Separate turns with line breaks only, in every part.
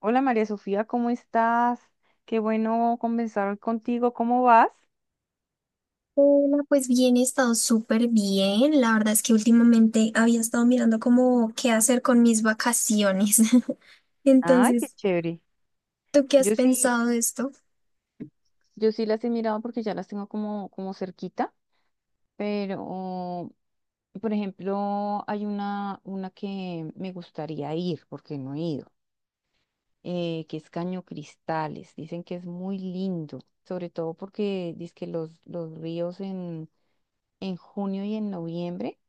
Hola María Sofía, ¿cómo estás? Qué bueno conversar contigo, ¿cómo vas?
Hola, pues bien, he estado súper bien. La verdad es que últimamente había estado mirando como qué hacer con mis vacaciones.
Ay, qué
Entonces,
chévere.
¿tú qué has
Yo sí,
pensado de esto?
yo sí las he mirado porque ya las tengo como, como cerquita, pero por ejemplo, hay una que me gustaría ir porque no he ido, que es Caño Cristales. Dicen que es muy lindo, sobre todo porque dicen que los ríos en junio y en noviembre,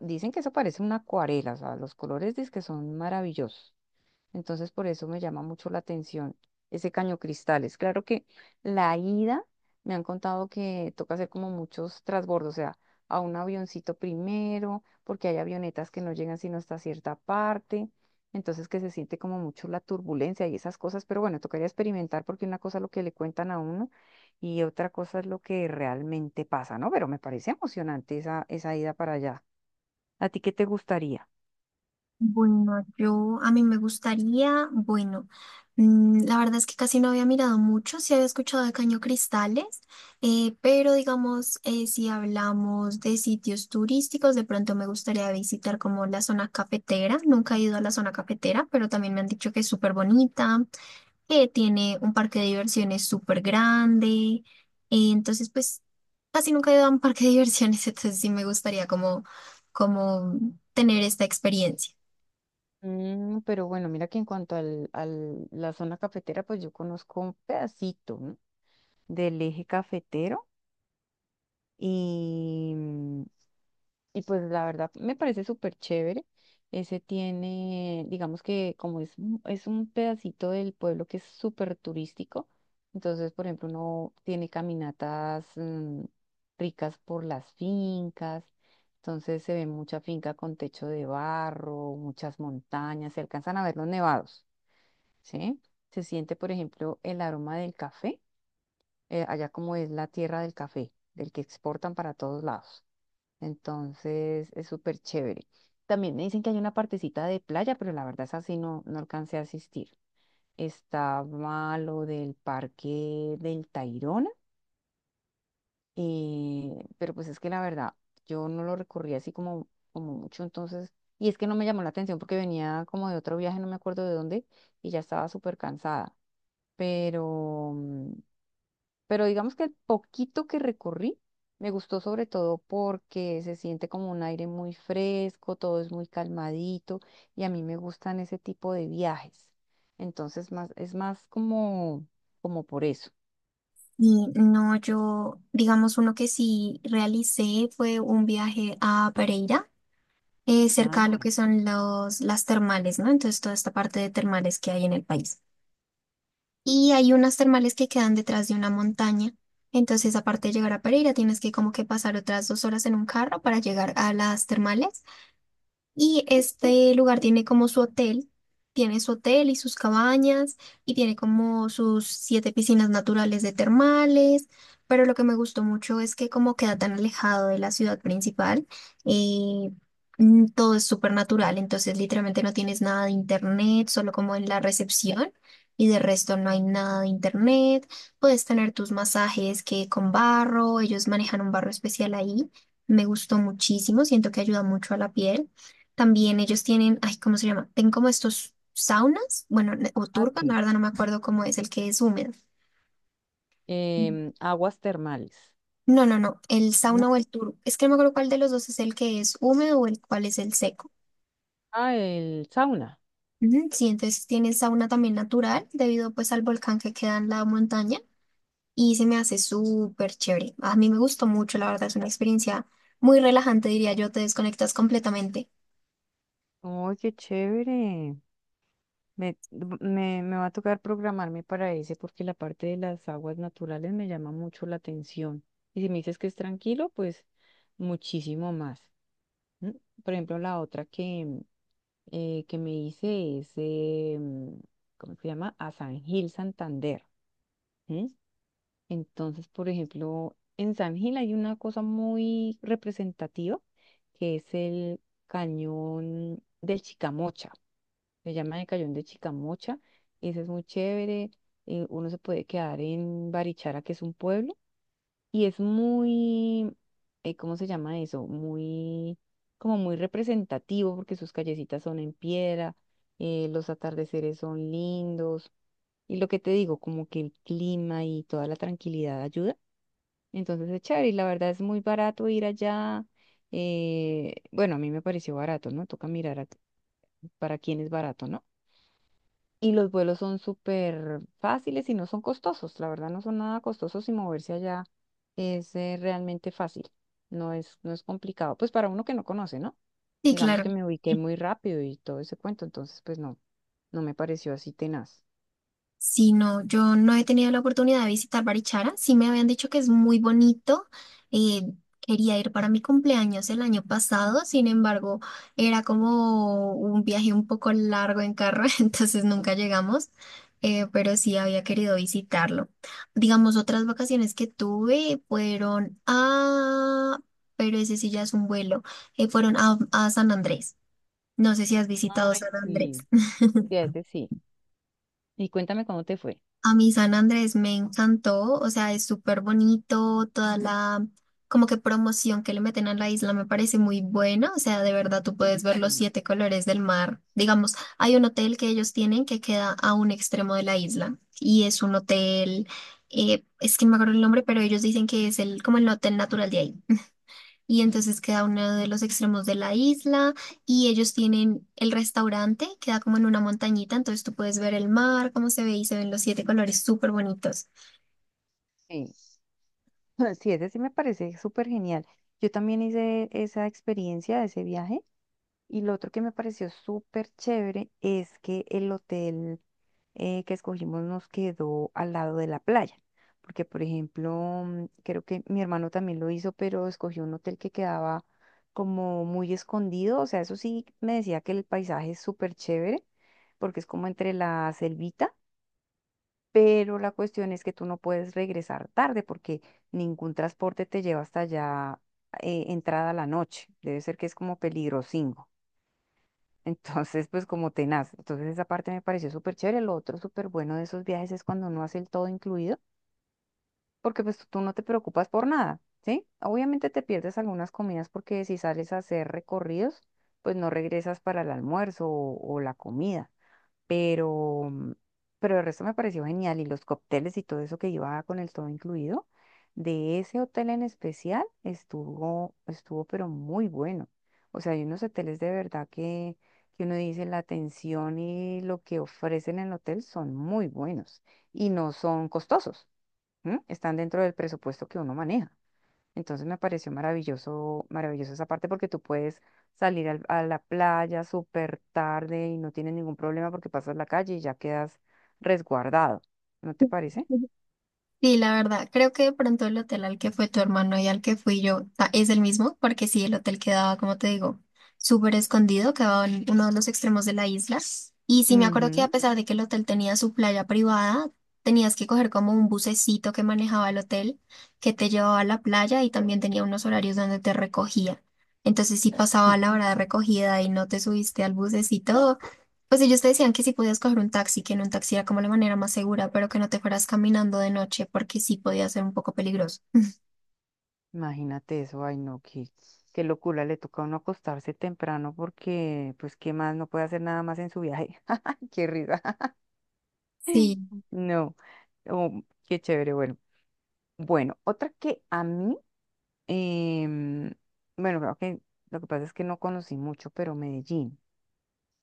dicen que eso parece una acuarela, o sea, los colores dicen que son maravillosos. Entonces, por eso me llama mucho la atención ese Caño Cristales. Claro que la ida me han contado que toca hacer como muchos transbordos, o sea, a un avioncito primero, porque hay avionetas que no llegan sino hasta cierta parte. Entonces, que se siente como mucho la turbulencia y esas cosas, pero bueno, tocaría experimentar porque una cosa es lo que le cuentan a uno y otra cosa es lo que realmente pasa, ¿no? Pero me parece emocionante esa ida para allá. ¿A ti qué te gustaría?
Bueno, yo a mí me gustaría, bueno, la verdad es que casi no había mirado mucho, sí había escuchado de Caño Cristales, pero digamos, si hablamos de sitios turísticos, de pronto me gustaría visitar como la zona cafetera, nunca he ido a la zona cafetera, pero también me han dicho que es súper bonita. Que tiene un parque de diversiones súper grande. Entonces, pues, casi nunca he ido a un parque de diversiones, entonces sí me gustaría como, como tener esta experiencia.
Mm, pero bueno, mira que en cuanto al, al- la zona cafetera, pues yo conozco un pedacito, ¿no? Del eje cafetero y, y pues la verdad me parece súper chévere. Ese tiene, digamos que como es, es un pedacito del pueblo que es súper turístico, entonces, por ejemplo, uno tiene caminatas ricas por las fincas. Entonces se ve mucha finca con techo de barro, muchas montañas, se alcanzan a ver los nevados. ¿Sí? Se siente, por ejemplo, el aroma del café, allá como es la tierra del café, del que exportan para todos lados. Entonces, es súper chévere. También me dicen que hay una partecita de playa, pero la verdad es así, no, no alcancé a asistir. Estaba lo del parque del Tayrona, pero pues es que la verdad, yo no lo recorrí así como, como mucho, entonces, y es que no me llamó la atención porque venía como de otro viaje, no me acuerdo de dónde, y ya estaba súper cansada. Pero pero digamos que el poquito que recorrí me gustó sobre todo porque se siente como un aire muy fresco, todo es muy calmadito y a mí me gustan ese tipo de viajes. Entonces más, es más como, como por eso.
Y no, yo, digamos, uno que sí realicé fue un viaje a Pereira, cerca
Ah,
de lo que son las termales, ¿no? Entonces, toda esta parte de termales que hay en el país. Y hay unas termales que quedan detrás de una montaña. Entonces, aparte de llegar a Pereira, tienes que como que pasar otras 2 horas en un carro para llegar a las termales. Y este lugar tiene como su hotel, tiene su hotel y sus cabañas y tiene como sus siete piscinas naturales de termales, pero lo que me gustó mucho es que como queda tan alejado de la ciudad principal, eh, todo es súper natural, entonces literalmente no tienes nada de internet, solo como en la recepción. Y de resto no hay nada de internet. Puedes tener tus masajes que con barro, ellos manejan un barro especial ahí. Me gustó muchísimo, siento que ayuda mucho a la piel. También ellos tienen, ay, ¿cómo se llama? Tienen como estos saunas, bueno, o
ah,
turban, la
sí.
verdad no me acuerdo cómo es el que es húmedo.
Aguas termales.
No, no, no, el
¿No?
sauna o el turbo. Es que no me acuerdo cuál de los dos es el que es húmedo o el cuál es el seco.
Ah, el sauna.
Ujú, sí, entonces tienen sauna también natural debido pues al volcán que queda en la montaña y se me hace súper chévere. A mí me gustó mucho, la verdad, es una experiencia muy relajante, diría yo, te desconectas completamente.
¡Oye, qué chévere! Me, Me va a tocar programarme para ese porque la parte de las aguas naturales me llama mucho la atención. Y si me dices que es tranquilo, pues muchísimo más. ¿M? Por ejemplo, la otra que que me hice es, ¿cómo se llama? A San Gil, Santander. ¿M? Entonces, por ejemplo, en San Gil hay una cosa muy representativa que es el cañón de Chicamocha. Se llama el Cayón de Chicamocha. Ese es muy chévere. Uno se puede quedar en Barichara, que es un pueblo. Y es muy, ¿cómo se llama eso? Muy, como muy representativo porque sus callecitas son en piedra, los atardeceres son lindos. Y lo que te digo, como que el clima y toda la tranquilidad ayuda. Entonces es chévere y la verdad es muy barato ir allá. Bueno, a mí me pareció barato, ¿no? Toca mirar para quién es barato, ¿no? Y los vuelos son súper fáciles y no son costosos. La verdad no son nada costosos y moverse allá es realmente fácil. No es complicado. Pues para uno que no conoce, ¿no?
Sí,
Digamos que
claro.
me ubiqué muy rápido y todo ese cuento. Entonces, pues no, no me pareció así tenaz.
Sí, no, yo no he tenido la oportunidad de visitar Barichara. Sí me habían dicho que es muy bonito. eh, Quería ir para mi cumpleaños el año pasado, sin embargo, era como un viaje un poco largo en carro, entonces nunca llegamos, pero sí había querido visitarlo. Digamos, otras vacaciones que tuve fueron a, pero ese sí ya es un vuelo, fueron a San Andrés. No sé si has visitado
Ay,
San Andrés.
sí, sí, a ese sí. Y cuéntame cómo te fue.
A mí San Andrés me encantó, o sea, es súper bonito, toda la como que promoción que le meten a la isla me parece muy buena, o sea, de verdad tú puedes ver los
Sí.
siete colores del mar. Digamos, hay un hotel que ellos tienen que queda a un extremo de la isla y es un hotel, es que no me acuerdo el nombre, pero ellos dicen que es el como el hotel natural de ahí. Y entonces queda uno de los extremos de la isla y ellos tienen el restaurante, queda como en una montañita, entonces tú puedes ver el mar, cómo se ve y se ven los siete colores súper bonitos.
Sí. Sí, ese sí me parece súper genial. Yo también hice esa experiencia, ese viaje. Y lo otro que me pareció súper chévere es que el hotel que escogimos nos quedó al lado de la playa. Porque, por ejemplo, mm, creo que mi hermano también lo hizo, pero escogió un hotel que quedaba como muy escondido. O sea, eso sí me decía que el paisaje es súper chévere, porque es como entre la selvita. Pero la cuestión es que tú no puedes regresar tarde porque ningún transporte te lleva hasta allá entrada la noche. Debe ser que es como peligrosingo. Entonces, pues como tenaz. Entonces esa parte me pareció súper chévere. Lo otro súper bueno de esos viajes es cuando no hace el todo incluido, porque pues tú no te preocupas por nada, ¿sí? Obviamente te pierdes algunas comidas porque si sales a hacer recorridos, pues no regresas para el almuerzo o la comida pero pero el resto me pareció genial y los cócteles y todo eso que iba con el todo incluido de ese hotel en especial estuvo pero muy bueno. O sea, hay unos hoteles de verdad que uno dice la atención y lo que ofrecen en el hotel son muy buenos y no son costosos, ¿m? Están dentro del presupuesto que uno maneja. Entonces me pareció maravilloso, maravilloso esa parte porque tú puedes salir a la playa súper tarde y no tienes ningún problema porque pasas la calle y ya quedas resguardado. ¿No te parece?
Sí, la verdad, creo que de pronto el hotel al que fue tu hermano y al que fui yo es el mismo, porque sí, el hotel quedaba, como te digo, súper escondido, quedaba en uno de los extremos de la isla. Y sí, me acuerdo que a
Ujú.
pesar de que el hotel tenía su playa privada, tenías que coger como un bucecito que manejaba el hotel, que te llevaba a la playa y también tenía unos horarios donde te recogía. Entonces, si pasaba la hora de recogida y no te subiste al bucecito, pues ellos te decían que sí podías coger un taxi, que en un taxi era como la manera más segura, pero que no te fueras caminando de noche porque sí podía ser un poco peligroso.
Imagínate eso, ay no, qué, qué locura, le toca a uno acostarse temprano porque, pues, ¿qué más? No puede hacer nada más en su viaje. Qué risa.
Sí.
No, oh, qué chévere, bueno. Bueno, otra que a mí em, bueno, creo que lo que pasa es que no conocí mucho, pero Medellín.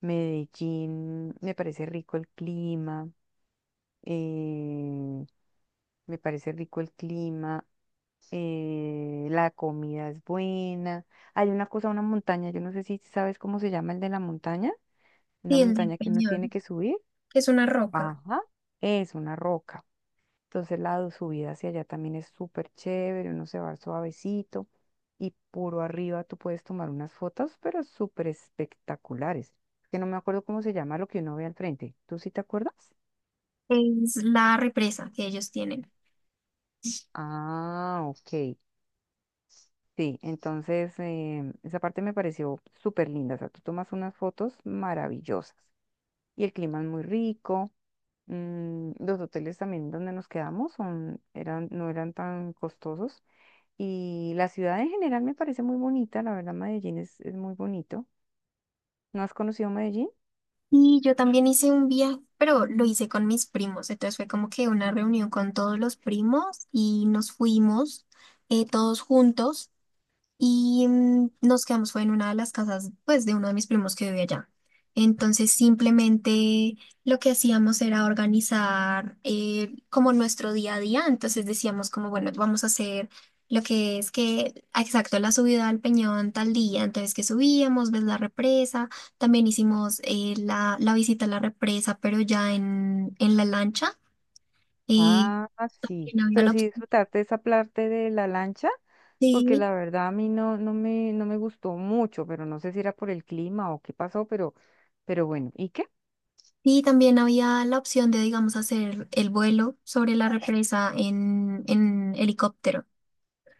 Medellín me parece rico el clima, eh, me parece rico el clima, la comida es buena. Hay una cosa, una montaña, yo no sé si sabes cómo se llama el de la montaña, una
Sí, el del
montaña que uno tiene
Peñón,
que subir.
que es una roca,
Ajá, es una roca. Entonces la subida hacia allá también es súper chévere, uno se va suavecito y puro arriba tú puedes tomar unas fotos, pero súper espectaculares. Es que no me acuerdo cómo se llama lo que uno ve al frente. ¿Tú sí te acuerdas?
es la represa que ellos tienen.
Ah, ok. Sí, entonces esa parte me pareció súper linda. O sea, tú tomas unas fotos maravillosas y el clima es muy rico. Los hoteles también donde nos quedamos eran, no eran tan costosos. Y la ciudad en general me parece muy bonita, la verdad Medellín es muy bonito. ¿No has conocido Medellín?
Y yo también hice un viaje, pero lo hice con mis primos, entonces fue como que una reunión con todos los primos y nos fuimos todos juntos. Y nos quedamos, fue en una de las casas, pues, de uno de mis primos que vivía allá. Entonces, simplemente lo que hacíamos era organizar como nuestro día a día. Entonces decíamos como, bueno, vamos a hacer lo que es que, exacto, la subida al Peñón tal día. Entonces, que subíamos, ves la represa. También hicimos la visita a la represa, pero ya en la lancha. Eh,
Ah, sí.
también había
Pero
la
sí disfrutarte esa parte de la lancha, porque
opción.
la verdad a mí no, no me gustó mucho, pero no sé si era por el clima o qué pasó, pero bueno, ¿y qué?
Y también había la opción de, digamos, hacer el vuelo sobre la represa en helicóptero.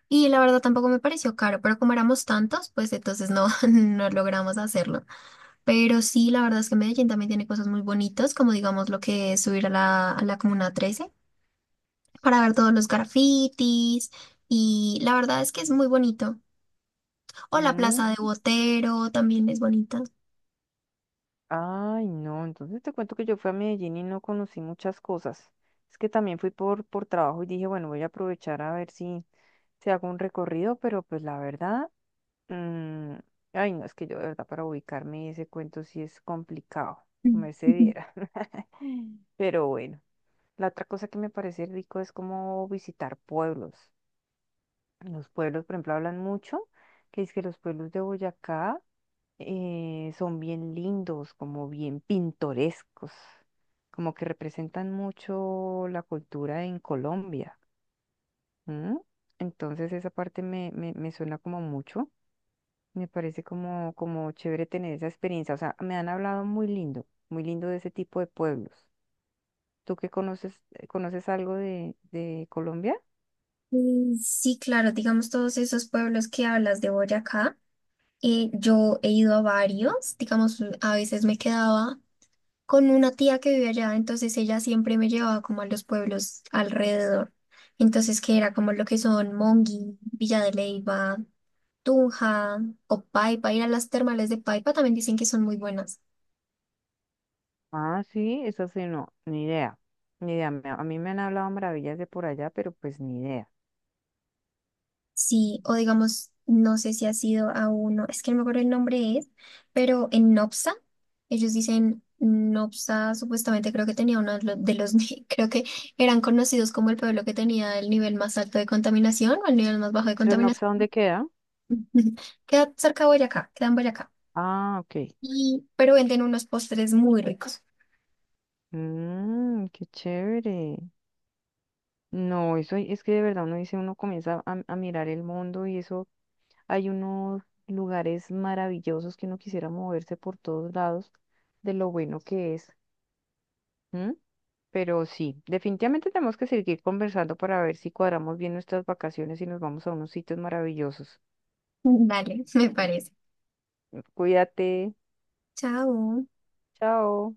Y la verdad tampoco me pareció caro, pero como éramos tantos, pues entonces no, no logramos hacerlo. Pero sí, la verdad es que Medellín también tiene cosas muy bonitas, como digamos lo que es subir a a la Comuna 13 para ver todos los grafitis. Y la verdad es que es muy bonito. O la Plaza de Botero también es bonita.
Ay, no, entonces te cuento que yo fui a Medellín y no conocí muchas cosas. Es que también fui por trabajo y dije, bueno, voy a aprovechar a ver si, si hago un recorrido, pero pues la verdad, mm, ay, no, es que yo de verdad para ubicarme ese cuento sí es complicado,
Mm,
me se
ujú.
diera. Pero bueno, la otra cosa que me parece rico es como visitar pueblos. Los pueblos, por ejemplo, hablan mucho, que es que los pueblos de Boyacá son bien lindos, como bien pintorescos, como que representan mucho la cultura en Colombia. ¿M? Entonces esa parte me suena como mucho, me parece como, como chévere tener esa experiencia. O sea, me han hablado muy lindo de ese tipo de pueblos. ¿Tú qué conoces, ¿Conoces algo de Colombia?
Mm, sí, claro, digamos todos esos pueblos que hablas de Boyacá. Yo he ido a varios, digamos, a veces me quedaba con una tía que vive allá, entonces ella siempre me llevaba como a los pueblos alrededor. Entonces, que era como lo que son Monguí, Villa de Leyva, Tunja o Paipa, ir a las termales de Paipa también dicen que son muy buenas.
Ah, sí, eso sí, no, ni idea. Ni idea, a mí me han hablado maravillas de por allá, pero pues ni idea.
Sí, o digamos, no sé si ha sido a uno, es que no me acuerdo el nombre es, pero en Nopsa, ellos dicen Nopsa, supuestamente creo que tenía uno de ni- creo que eran conocidos como el pueblo que tenía el nivel más alto de contaminación o el nivel más bajo de
Pero no sé
contaminación.
dónde queda.
Queda cerca de Boyacá, queda en Boyacá.
Ah, ok.
Y, pero venden unos postres muy ricos.
Mm, qué chévere. No, eso es que de verdad uno dice, uno comienza a mirar el mundo y eso, hay unos lugares maravillosos que uno quisiera moverse por todos lados de lo bueno que es. ¿M? Pero sí, definitivamente tenemos que seguir conversando para ver si cuadramos bien nuestras vacaciones y nos vamos a unos sitios maravillosos.
Dale, me parece.
Cuídate.
Chao.
Chao.